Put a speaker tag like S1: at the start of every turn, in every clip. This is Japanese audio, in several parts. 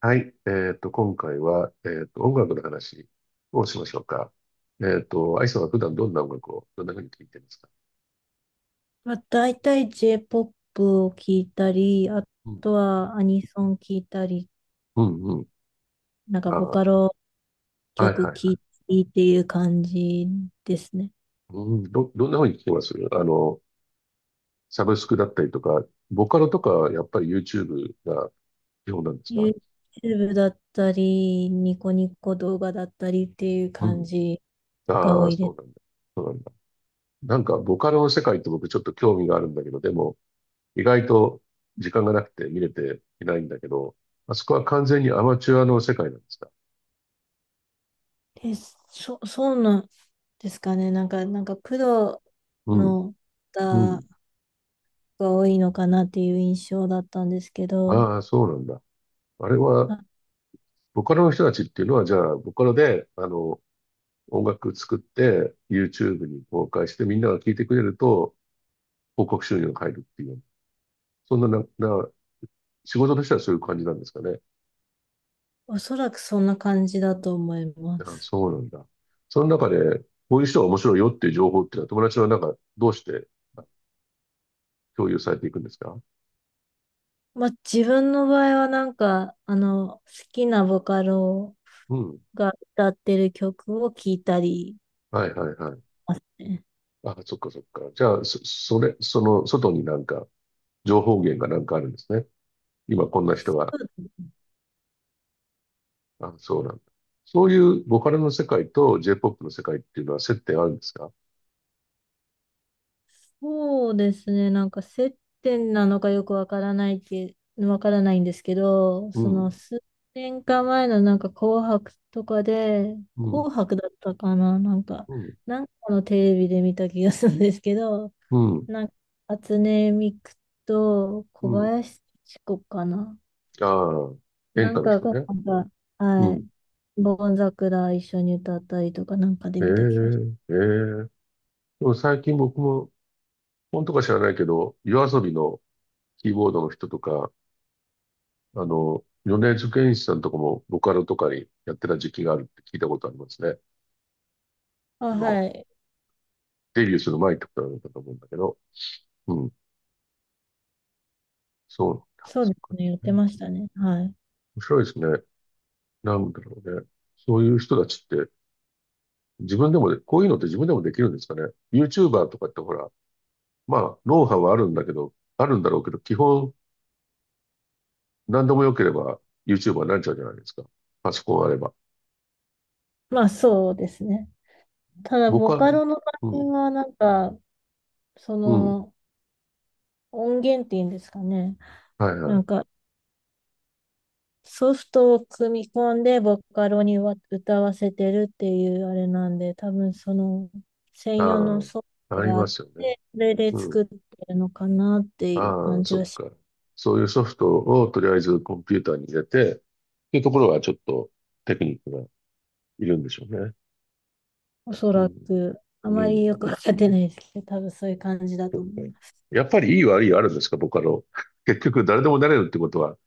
S1: はい。今回は、音楽の話をしましょうか。アイさんは普段どんな音楽を、どんな風に聴いてますか？
S2: まあ、大体 J-POP を聴いたり、あ
S1: うん。
S2: とはアニソン聴いたり、
S1: うん、うん。
S2: なんかボカ
S1: あ
S2: ロ
S1: あ、はい
S2: 曲
S1: は
S2: 聴
S1: いはい。
S2: いたりっていう感じですね。
S1: どんな風に聴きます？サブスクだったりとか、ボカロとか、やっぱり YouTube が基本なんですか？
S2: YouTube だったり、ニコニコ動画だったりっていう
S1: う
S2: 感
S1: ん。
S2: じが
S1: あ
S2: 多
S1: あ、
S2: い
S1: そ
S2: で
S1: う
S2: す。
S1: なんだ。そうなんだ。なんか、ボカロの世界って僕ちょっと興味があるんだけど、でも、意外と時間がなくて見れていないんだけど、まあそこは完全にアマチュアの世界なんですか？
S2: え、そうなんですかね。なんかプロ
S1: うん。
S2: の
S1: う
S2: 方
S1: ん。
S2: が多いのかなっていう印象だったんですけど、
S1: ああ、そうなんだ。あれは、
S2: あ、
S1: ボカロの人たちっていうのは、じゃあ、ボカロで、音楽作って、YouTube に公開して、みんなが聴いてくれると、広告収入が入るっていう。そんな、な、な、仕事としてはそういう感じなんですかね。
S2: おそらくそんな感じだと思いま
S1: ああ、
S2: す。
S1: そうなんだ。その中で、こういう人が面白いよっていう情報っていうのは、友達はなんか、どうしてあ共有されていくんですか？
S2: まあ、自分の場合はなんか、好きなボカロ
S1: うん。
S2: が歌ってる曲を聴いたり
S1: はいはいはい。
S2: ますね。
S1: ああ、そっかそっか。じゃあ、その、外になんか、情報源がなんかあるんですね。今こんな人が
S2: そう
S1: あ、そうなんだ。そういうボカロの世界と J-POP の世界っていうのは接点あるんですか？
S2: ですね、なんか接点なのかよくわからないんですけど、
S1: う
S2: その
S1: ん、
S2: 数年か前のなんか紅白とかで、
S1: うん、
S2: 紅白だったかな、なんか、
S1: うん、
S2: なんかのテレビで見た気がするんですけど、
S1: うん、
S2: なんか、初音ミクと
S1: う
S2: 小
S1: ん。
S2: 林幸子かな。
S1: ああ、演
S2: な
S1: 歌
S2: ん
S1: の
S2: か
S1: 人
S2: が、
S1: ね。
S2: なんか、
S1: う
S2: はい。
S1: ん。
S2: ボン桜一緒に歌ったりとかなんかで
S1: ええ、
S2: 見た気がし
S1: ええ。でも最近僕も、本とか知らないけど、夜遊びのキーボードの人とか、米津玄師さんとかもボカロとかにやってた時期があるって聞いたことありますね。
S2: ま
S1: あ
S2: す。あ、
S1: の、
S2: はい。
S1: デビューする前ってことなのかと思うんだけど。うん、そ
S2: そうですね。やって
S1: う。
S2: ましたね。はい。
S1: 面白いですね。なんだろうね。そういう人たちって、自分でもで、こういうのって自分でもできるんですかね。YouTuber とかってほら、まあ、ノウハウはあるんだけど、あるんだろうけど、基本何でも良ければ YouTuber になっちゃうじゃないですか。パソコンあれば。
S2: まあそうですね。ただ、
S1: 僕
S2: ボ
S1: は、
S2: カロの場
S1: う
S2: 合
S1: ん、
S2: はなんか、そ
S1: うん、
S2: の音源っていうんですかね。
S1: はい
S2: な
S1: はい。
S2: んか、ソフトを組み込んでボカロにわ歌わせてるっていうあれなんで、多分その専用の
S1: あ
S2: ソフ
S1: あ、
S2: ト
S1: あり
S2: があ
S1: ま
S2: っ
S1: すよね。
S2: て、それで
S1: う
S2: 作
S1: ん。
S2: ってるのかなっていう
S1: あ
S2: 感
S1: あ、
S2: じ
S1: そっ
S2: はし。
S1: か。そういうソフトをとりあえずコンピューターに入れて、っていうところはちょっとテクニックがいるんでしょうね。
S2: おそ
S1: う
S2: ら
S1: ん、
S2: く、あ
S1: う
S2: まりよ
S1: ん、
S2: くわかってないですけど、多分そういう感じだ
S1: そっ
S2: と
S1: か。
S2: 思いま
S1: やっぱりいい悪いはあるんですか、僕あの、結局誰でもなれるってことは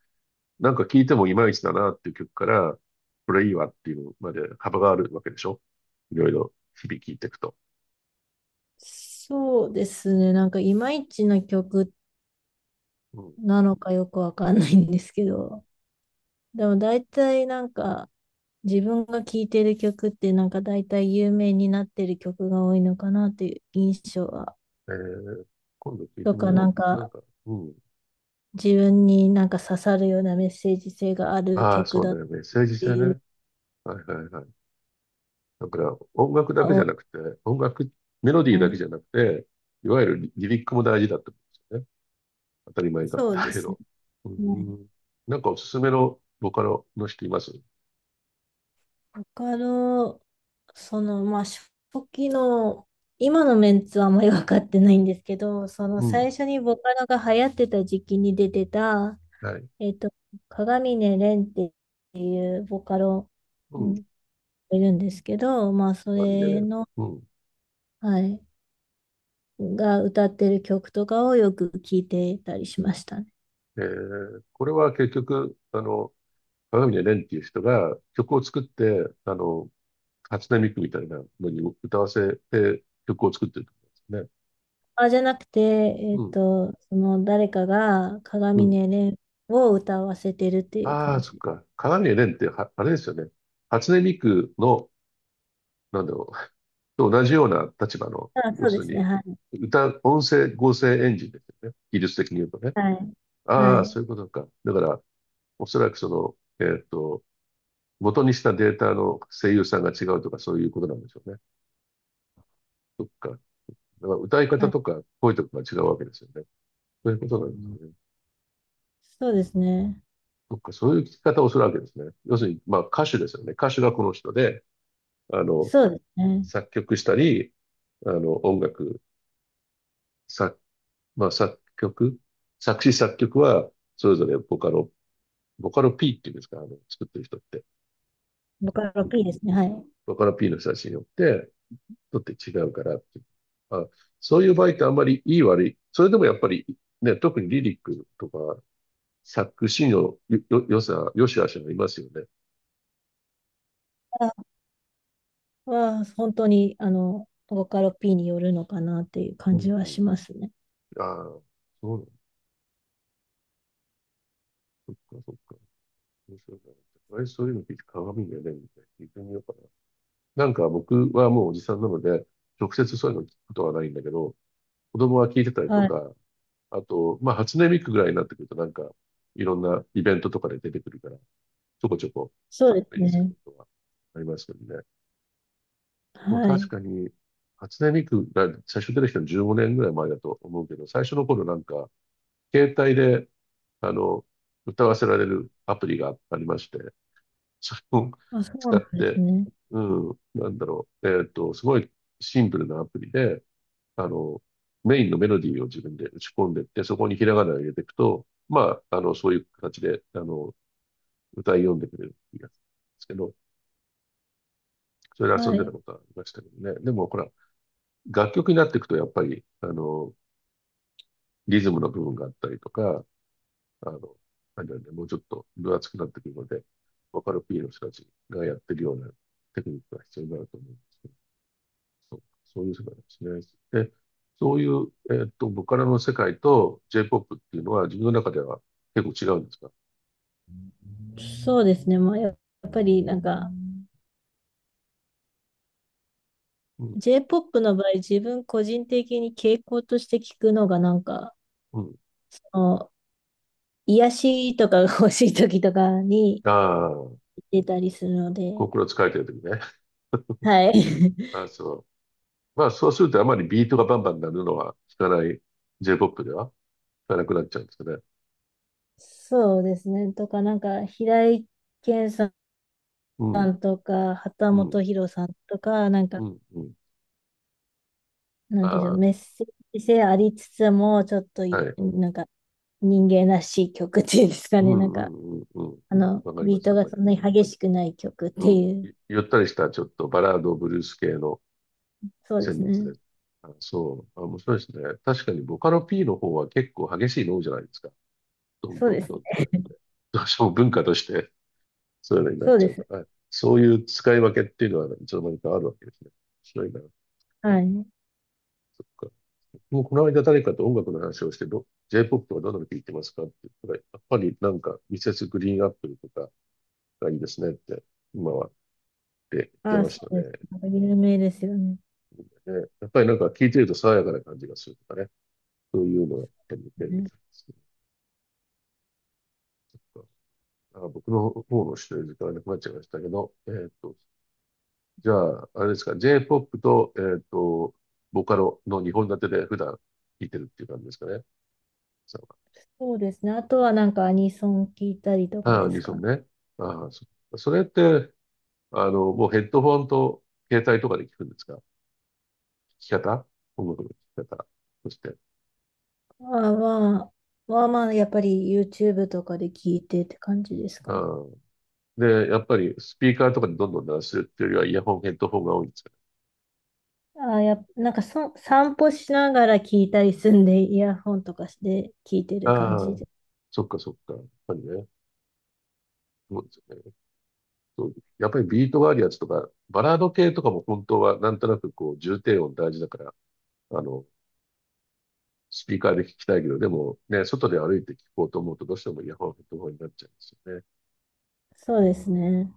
S1: なんか聞いてもいまいちだなっていう曲から、これいいわっていうのまで幅があるわけでしょ？いろいろ日々聞いていくと。
S2: す。そうですね、なんかいまいちな曲
S1: うん。
S2: なのかよくわかんないんですけど、でも大体なんか自分が聴いてる曲ってなんか大体有名になってる曲が多いのかなっていう印象は、
S1: えー、今度聞いて
S2: と
S1: み
S2: かな
S1: よ
S2: ん
S1: う。なん
S2: か
S1: か、うん。
S2: 自分になんか刺さるようなメッセージ性がある
S1: ああ、
S2: 曲
S1: そう
S2: だっ
S1: ね。メッセージ
S2: て
S1: 性
S2: いうの
S1: ね。はいはいはい。だから音楽だ
S2: が
S1: けじ
S2: 多
S1: ゃなく
S2: い。
S1: て、音楽、メロディ
S2: は
S1: ーだけ
S2: い、
S1: じゃなくて、いわゆるリリリックも大事だってことですよね。当たり前かも
S2: そ
S1: だ
S2: うで
S1: け
S2: すね。
S1: ど。う
S2: はい、
S1: ん。なんかおすすめのボカロの人います？
S2: わかる。その、まあ、初期の、今のメンツはあんまり分かってないんですけど、その
S1: うん。
S2: 最初にボカロが流行ってた時期に出てた、
S1: はい。
S2: えっと、鏡音蓮っていうボカロ、
S1: う
S2: うん、
S1: ん。
S2: いるんですけど、まあ、そ
S1: 何で、
S2: れの、
S1: うん。
S2: はい、が歌ってる曲とかをよく聞いてたりしましたね。
S1: えーこれは結局、鏡で蓮っていう人が曲を作って、初音ミクみたいなのに歌わせて曲を作ってるってことんです
S2: あ、じゃなくて、
S1: ね。
S2: その誰かが
S1: うん、
S2: 鏡
S1: う
S2: 音
S1: ん。
S2: 蓮を歌わせてるっていう
S1: ああ、
S2: 感
S1: そっ
S2: じ。
S1: か。鏡で蓮っては、あれですよね。初音ミクの、なんだろう、と同じような立場の、
S2: あ、
S1: 要
S2: そう
S1: す
S2: で
S1: る
S2: すね。はい。
S1: に、音声合成エンジンですよね。技術的に言うとね。
S2: はい。は
S1: ああ、そ
S2: い。
S1: ういうことか。だから、おそらくその、えっと、元にしたデータの声優さんが違うとかそういうことなんでしょうね。そっか。だから歌い
S2: は
S1: 方
S2: い。
S1: とか声とかが違うわけですよね。そういうことなんですね。
S2: そうですね。
S1: そっか、そういう聞き方をするわけですね。要するに、まあ歌手ですよね。歌手がこの人で、あの、
S2: そうですね。
S1: 作曲したり、あの、音楽、作、まあ作曲、作詞作曲は、それぞれボカロ、ボカロ P っていうんですか、あの、作ってる人って。
S2: ボカロ P ですね。はい。
S1: ボカロ P の人たちによって、とって違うからっていう。まあ、そういう場合ってあんまりいい悪い。それでもやっぱり、ね、特にリリックとか、作詞のよ、よ、よさ、よしあしがいますよね。
S2: は本当に、ボカロ P によるのかなっていう
S1: う
S2: 感
S1: ん
S2: じ
S1: う
S2: は
S1: ん。
S2: しますね。
S1: ああ、そうなんだ。そっかそっか。面白いな。あれ、そういうの聞いて鏡がね、みたいな。聞いてみようかな。なんか僕はもうおじさんなので、直接そういうの聞くことはないんだけど、子供は聞いてたりと
S2: はい。
S1: か、あと、まあ、初音ミクぐらいになってくるとなんか、いろんなイベントとかで出てくるから、ちょこちょこ、
S2: そうで
S1: 目
S2: す
S1: にする
S2: ね。
S1: ことはありますけどね。でも
S2: は
S1: 確
S2: い。
S1: かに、初音ミクが最初出てきたの15年ぐらい前だと思うけど、最初の頃なんか、携帯で、あの、歌わせられるアプリがありまして、それを
S2: あ、そう
S1: 使
S2: な
S1: っ
S2: んです
S1: て、
S2: ね。
S1: うん、なんだろう、えっと、すごいシンプルなアプリで、あの、メインのメロディーを自分で打ち込んでって、そこにひらがなを入れていくと、まあ、そういう形で、歌い読んでくれるっていうやつですけど、それで遊ん
S2: は
S1: でた
S2: い。
S1: ことはありましたけどね。でも、ほら、楽曲になっていくと、やっぱり、リズムの部分があったりとか、あの、あれなんだね、もうちょっと分厚くなってくるので、ボカロ P の人たちがやってるようなテクニックが必要になると思うんですけど、そういう世界なんですね。で、そういう、ボカロの世界と J-POP っていうのは自分の中では結構違うんですか？
S2: そうですね。まあ、やっぱり、なんか、
S1: うん、
S2: J-POP の場合、自分個人的に傾向として聞くのが、なんか、
S1: うん。
S2: その、癒しとかが欲しい時とかに
S1: ああ、
S2: 出たりするの
S1: コ
S2: で、
S1: クロ使えてる時ね。
S2: はい。
S1: あ、そう。まあ、そうするとあまりビートがバンバン鳴るのは聞かない、 J-POP では聞かなくなっちゃうんですかね。
S2: そうですね。とか、なんか、平井堅さ
S1: うん、
S2: んとか、畑
S1: うん、
S2: 本博さんとか、なんか、
S1: うん、うん。
S2: なんていうんでしょう、
S1: あ
S2: メッセージ性ありつつも、ちょっと、
S1: あ、はい。
S2: なんか、人間らしい曲っていうんですか
S1: う
S2: ね。なん
S1: んう
S2: か、
S1: んうんうん。わかり
S2: ビ
S1: ま
S2: ー
S1: す、
S2: ト
S1: わ
S2: が
S1: かり
S2: そ
S1: ま
S2: んな
S1: す。
S2: に激しくない曲って
S1: うん。
S2: いう。
S1: ゆったりした、ちょっとバラード、ブルース系の
S2: そうです
S1: 旋律で。
S2: ね。
S1: あ、そう。あ、面白いですね。確かに、ボカロ P の方は結構激しいの多いじゃないですか。ドン
S2: そう
S1: ド
S2: で
S1: ン
S2: す
S1: ドン
S2: ね。
S1: って感じで。どうしても文化として、そういうのになっ
S2: そう
S1: ち
S2: で
S1: ゃう
S2: す
S1: か
S2: ね。
S1: ら。はい、そういう使い分けっていうのは、いつの間にかあるわけですね。面白いな。そ
S2: はい。
S1: っか。もうこの間誰かと音楽の話をして、J-POP とかどんなの聴いてますかって言ったら、やっぱりなんか、ミセスグリーンアップルとかがいいですねって、今はって言って
S2: ああ、
S1: ま
S2: そ
S1: した
S2: うです。
S1: ね。
S2: なんか有名ですよね。
S1: ね、やっぱりなんか聞いてると爽やかな感じがするとかね。そういうのをやっぱり見てるみ
S2: ね、
S1: たいですね。なんか僕の方の知ってる時間がなくなっちゃいましたけど、じゃあ、あれですか、J-POP と、ボカロの2本立てで普段聴いてるっていう感じですかね。
S2: そうですね。あとはなんかアニソン聞いたりとか
S1: ああ、
S2: で
S1: 2
S2: す
S1: 層
S2: かね。
S1: ね。ああ、それって、もうヘッドフォンと携帯とかで聞くんですか？き方聞き方。そして。
S2: まあまあ、まあまあ、やっぱり YouTube とかで聞いてって感じですか
S1: あ
S2: ね。
S1: あ、で、やっぱりスピーカーとかにどんどん鳴らすっていうよりはイヤホン、ヘッドホンが多いんですよね。
S2: あーやっ、なんか、散歩しながら聞いたりすんで、イヤホンとかして聞いてる感
S1: あ
S2: じ
S1: あ、
S2: で。
S1: そっかそっか。やっぱりね、そうですよね。そうやっぱりビートがあるやつとか、バラード系とかも本当はなんとなくこう重低音大事だから、あの、スピーカーで聞きたいけど、でもね、外で歩いて聞こうと思うとどうしてもイヤホン、ヘッドホンになっちゃうんですよね。
S2: そうですね。